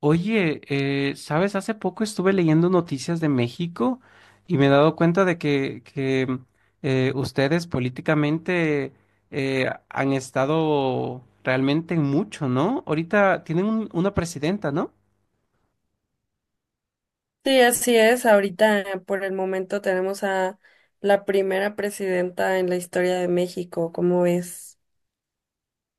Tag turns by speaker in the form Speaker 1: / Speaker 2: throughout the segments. Speaker 1: Oye, ¿sabes? Hace poco estuve leyendo noticias de México y me he dado cuenta de que ustedes políticamente han estado realmente en mucho, ¿no? Ahorita tienen una presidenta, ¿no?
Speaker 2: Sí, así es. Ahorita, por el momento, tenemos a la primera presidenta en la historia de México, ¿cómo es?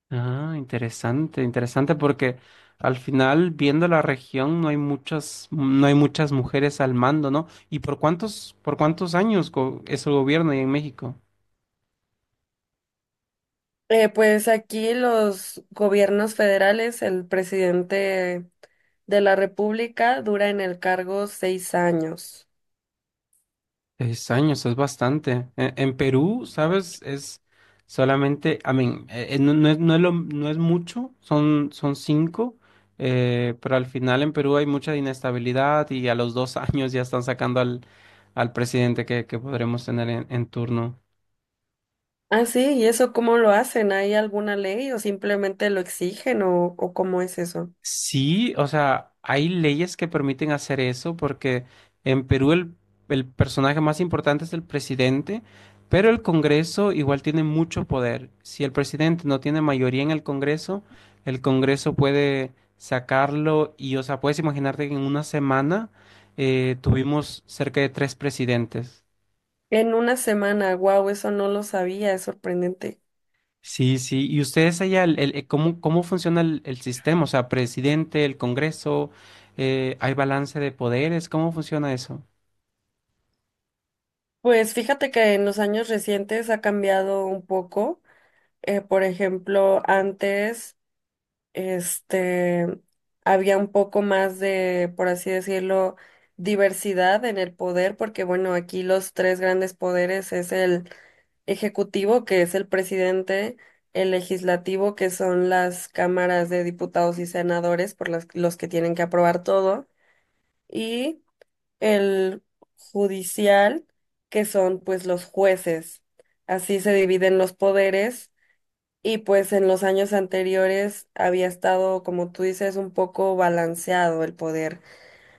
Speaker 1: Ah, interesante, interesante, porque al final, viendo la región, no hay muchas, no hay muchas mujeres al mando, ¿no? ¿Y por cuántos años es el gobierno ahí en México?
Speaker 2: Pues aquí los gobiernos federales, el presidente de la República dura en el cargo 6 años.
Speaker 1: Seis años, es bastante. En Perú, ¿sabes? Es solamente, a mí, no es, no es mucho, son 5, pero al final en Perú hay mucha inestabilidad y a los 2 años ya están sacando al, al presidente que podremos tener en turno.
Speaker 2: Ah, sí, ¿y eso cómo lo hacen? ¿Hay alguna ley o simplemente lo exigen o cómo es eso?
Speaker 1: Sí, o sea, hay leyes que permiten hacer eso porque en Perú el personaje más importante es el presidente, pero el Congreso igual tiene mucho poder. Si el presidente no tiene mayoría en el Congreso puede sacarlo y, o sea, puedes imaginarte que en una semana tuvimos cerca de 3 presidentes.
Speaker 2: En una semana, wow, eso no lo sabía, es sorprendente.
Speaker 1: Sí, sí. ¿Y ustedes allá, el, cómo, cómo funciona el sistema? O sea, presidente, el Congreso, ¿hay balance de poderes? ¿Cómo funciona eso?
Speaker 2: Pues fíjate que en los años recientes ha cambiado un poco. Por ejemplo, antes, este, había un poco más de, por así decirlo, diversidad en el poder, porque bueno, aquí los tres grandes poderes es el ejecutivo, que es el presidente, el legislativo, que son las cámaras de diputados y senadores, por las, los que tienen que aprobar todo, y el judicial, que son pues los jueces. Así se dividen los poderes y pues en los años anteriores había estado, como tú dices, un poco balanceado el poder.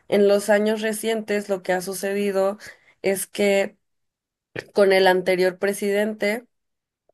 Speaker 2: En los años recientes lo que ha sucedido es que con el anterior presidente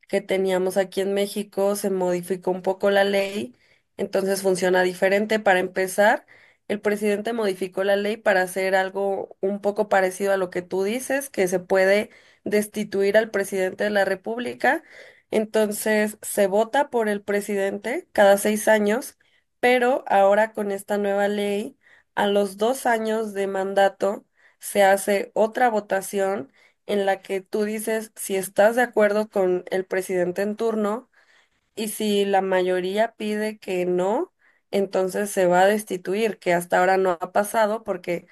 Speaker 2: que teníamos aquí en México, se modificó un poco la ley, entonces funciona diferente. Para empezar, el presidente modificó la ley para hacer algo un poco parecido a lo que tú dices, que se puede destituir al presidente de la República. Entonces, se vota por el presidente cada 6 años, pero ahora con esta nueva ley, a los 2 años de mandato, se hace otra votación en la que tú dices si estás de acuerdo con el presidente en turno y si la mayoría pide que no, entonces se va a destituir, que hasta ahora no ha pasado porque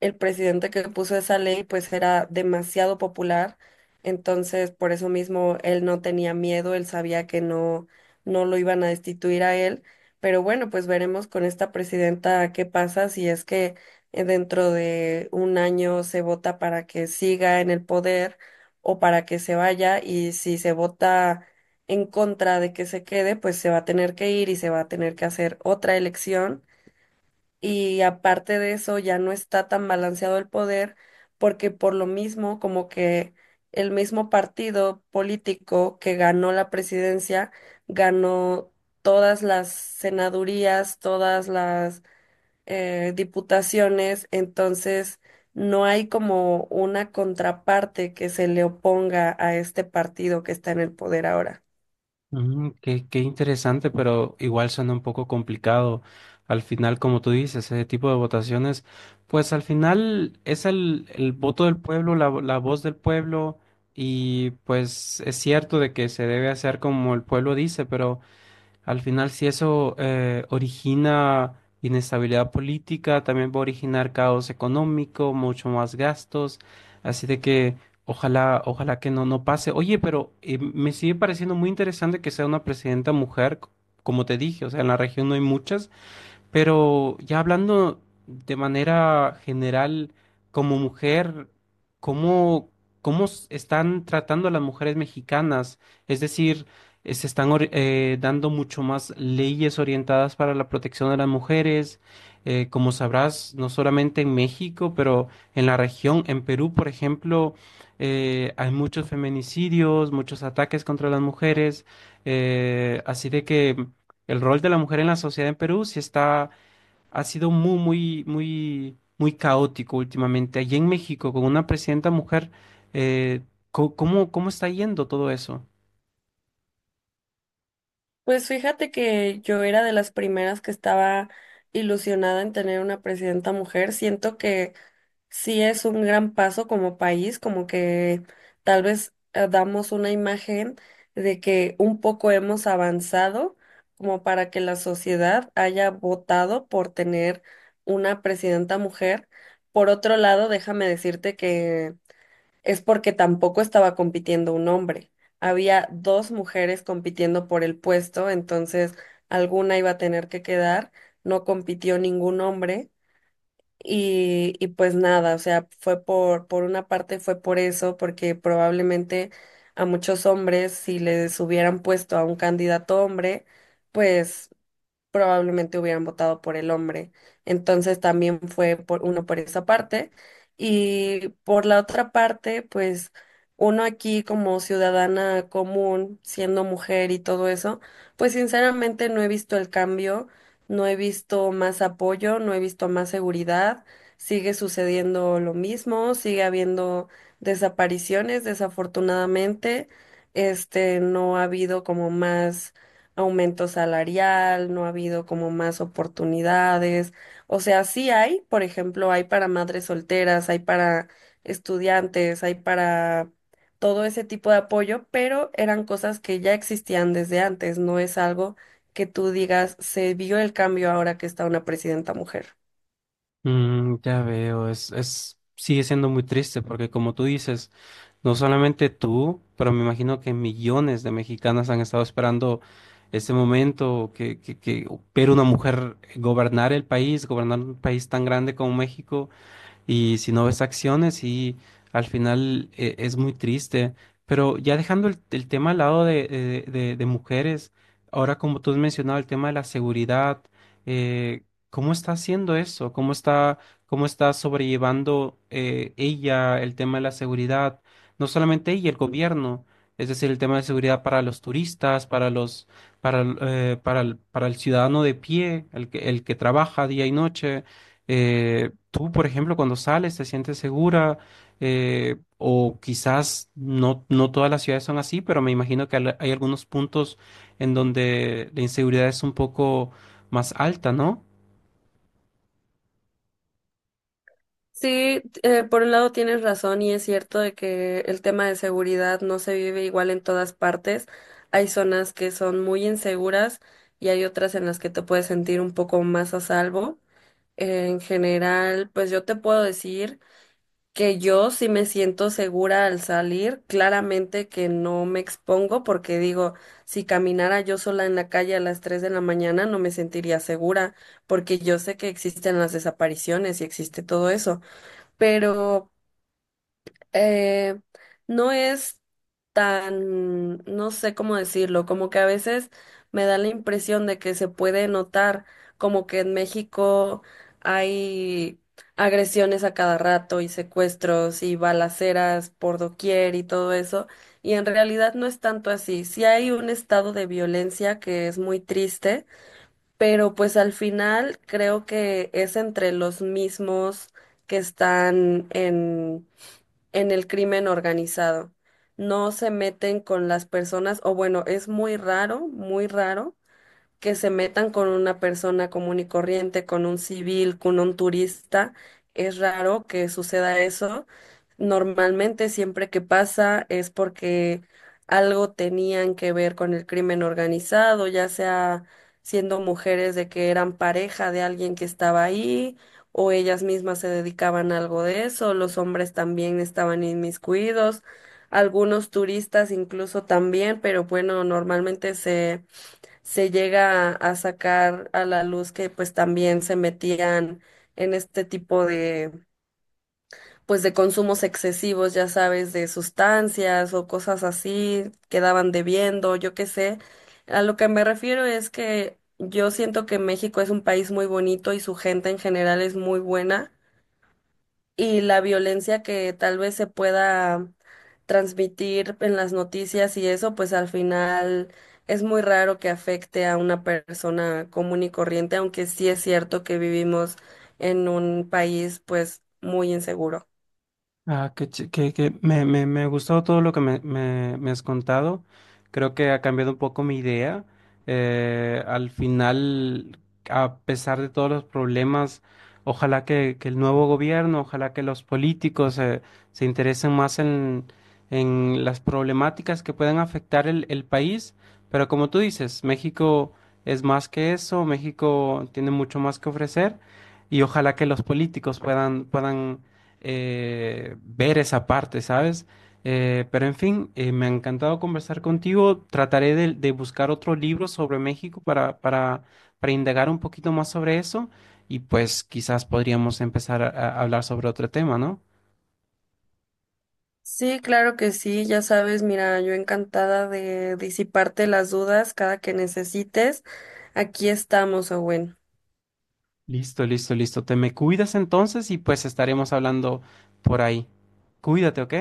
Speaker 2: el presidente que puso esa ley pues era demasiado popular, entonces por eso mismo él no tenía miedo, él sabía que no lo iban a destituir a él, pero bueno, pues veremos con esta presidenta qué pasa si es que dentro de 1 año se vota para que siga en el poder o para que se vaya, y si se vota en contra de que se quede, pues se va a tener que ir y se va a tener que hacer otra elección. Y aparte de eso, ya no está tan balanceado el poder, porque por lo mismo, como que el mismo partido político que ganó la presidencia, ganó todas las senadurías, todas las diputaciones, entonces no hay como una contraparte que se le oponga a este partido que está en el poder ahora.
Speaker 1: Mm, qué, qué interesante, pero igual suena un poco complicado. Al final, como tú dices, ese tipo de votaciones, pues al final es el voto del pueblo, la voz del pueblo, y pues es cierto de que se debe hacer como el pueblo dice, pero... Al final, si eso origina inestabilidad política, también va a originar caos económico, mucho más gastos. Así de que ojalá, ojalá que no, no pase. Oye, pero me sigue pareciendo muy interesante que sea una presidenta mujer, como te dije, o sea, en la región no hay muchas. Pero ya hablando de manera general, como mujer, ¿cómo, están tratando a las mujeres mexicanas? Es decir, se están dando mucho más leyes orientadas para la protección de las mujeres. Como sabrás, no solamente en México, pero en la región, en Perú, por ejemplo, hay muchos feminicidios, muchos ataques contra las mujeres. Así de que el rol de la mujer en la sociedad en Perú sí está ha sido muy, muy, muy, muy caótico últimamente. Allí en México, con una presidenta mujer, eh, ¿cómo, cómo está yendo todo eso?
Speaker 2: Pues fíjate que yo era de las primeras que estaba ilusionada en tener una presidenta mujer. Siento que sí es un gran paso como país, como que tal vez damos una imagen de que un poco hemos avanzado como para que la sociedad haya votado por tener una presidenta mujer. Por otro lado, déjame decirte que es porque tampoco estaba compitiendo un hombre. Había dos mujeres compitiendo por el puesto, entonces alguna iba a tener que quedar, no compitió ningún hombre y pues nada, o sea, fue por una parte fue por eso, porque probablemente a muchos hombres si les hubieran puesto a un candidato hombre, pues probablemente hubieran votado por el hombre. Entonces también fue por uno por esa parte. Y por la otra parte, pues uno aquí como ciudadana común, siendo mujer y todo eso, pues sinceramente no he visto el cambio, no he visto más apoyo, no he visto más seguridad. Sigue sucediendo lo mismo, sigue habiendo desapariciones, desafortunadamente. No ha habido como más aumento salarial, no ha habido como más oportunidades. O sea, sí hay, por ejemplo, hay para madres solteras, hay para estudiantes, hay para todo ese tipo de apoyo, pero eran cosas que ya existían desde antes, no es algo que tú digas, se vio el cambio ahora que está una presidenta mujer.
Speaker 1: Mm, ya veo, es, sigue siendo muy triste porque como tú dices, no solamente tú, pero me imagino que millones de mexicanas han estado esperando este momento que ver una mujer gobernar el país, gobernar un país tan grande como México y si no ves acciones y al final es muy triste. Pero ya dejando el tema al lado de mujeres, ahora como tú has mencionado el tema de la seguridad, eh, ¿cómo está haciendo eso? Cómo está sobrellevando ella el tema de la seguridad? No solamente ella, el gobierno, es decir, el tema de seguridad para los turistas, para para el ciudadano de pie, el que trabaja día y noche. Tú, por ejemplo, cuando sales te sientes segura. O quizás no, no todas las ciudades son así, pero me imagino que hay algunos puntos en donde la inseguridad es un poco más alta, ¿no?
Speaker 2: Sí, por un lado tienes razón y es cierto de que el tema de seguridad no se vive igual en todas partes. Hay zonas que son muy inseguras y hay otras en las que te puedes sentir un poco más a salvo. En general, pues yo te puedo decir que yo sí me siento segura al salir. Claramente que no me expongo porque digo, si caminara yo sola en la calle a las 3 de la mañana no me sentiría segura porque yo sé que existen las desapariciones y existe todo eso, pero eh, no es tan, no sé cómo decirlo, como que a veces me da la impresión de que se puede notar como que en México hay agresiones a cada rato y secuestros y balaceras por doquier y todo eso, y en realidad no es tanto así. Sí hay un estado de violencia que es muy triste, pero pues al final creo que es entre los mismos que están en el crimen organizado. No se meten con las personas, o bueno, es muy raro que se metan con una persona común y corriente, con un civil, con un turista. Es raro que suceda eso. Normalmente siempre que pasa es porque algo tenían que ver con el crimen organizado, ya sea siendo mujeres de que eran pareja de alguien que estaba ahí, o ellas mismas se dedicaban a algo de eso, los hombres también estaban inmiscuidos, algunos turistas incluso también, pero bueno, normalmente se llega a sacar a la luz que pues también se metían en este tipo de pues de consumos excesivos, ya sabes, de sustancias o cosas así, quedaban debiendo, yo qué sé. A lo que me refiero es que yo siento que México es un país muy bonito y su gente en general es muy buena, y la violencia que tal vez se pueda transmitir en las noticias y eso, pues al final es muy raro que afecte a una persona común y corriente, aunque sí es cierto que vivimos en un país pues muy inseguro.
Speaker 1: Ah, que, me, me ha gustado todo lo que me, me has contado. Creo que ha cambiado un poco mi idea. Al final, a pesar de todos los problemas, ojalá que el nuevo gobierno, ojalá que los políticos se interesen más en las problemáticas que puedan afectar el país. Pero como tú dices, México es más que eso, México tiene mucho más que ofrecer y ojalá que los políticos puedan, puedan ver esa parte, ¿sabes? Pero en fin, me ha encantado conversar contigo. Trataré de buscar otro libro sobre México para indagar un poquito más sobre eso y pues quizás podríamos empezar a hablar sobre otro tema, ¿no?
Speaker 2: Sí, claro que sí, ya sabes, mira, yo encantada de disiparte las dudas cada que necesites. Aquí estamos, Owen.
Speaker 1: Listo, listo, listo. Te me cuidas entonces y pues estaremos hablando por ahí. Cuídate, ¿ok?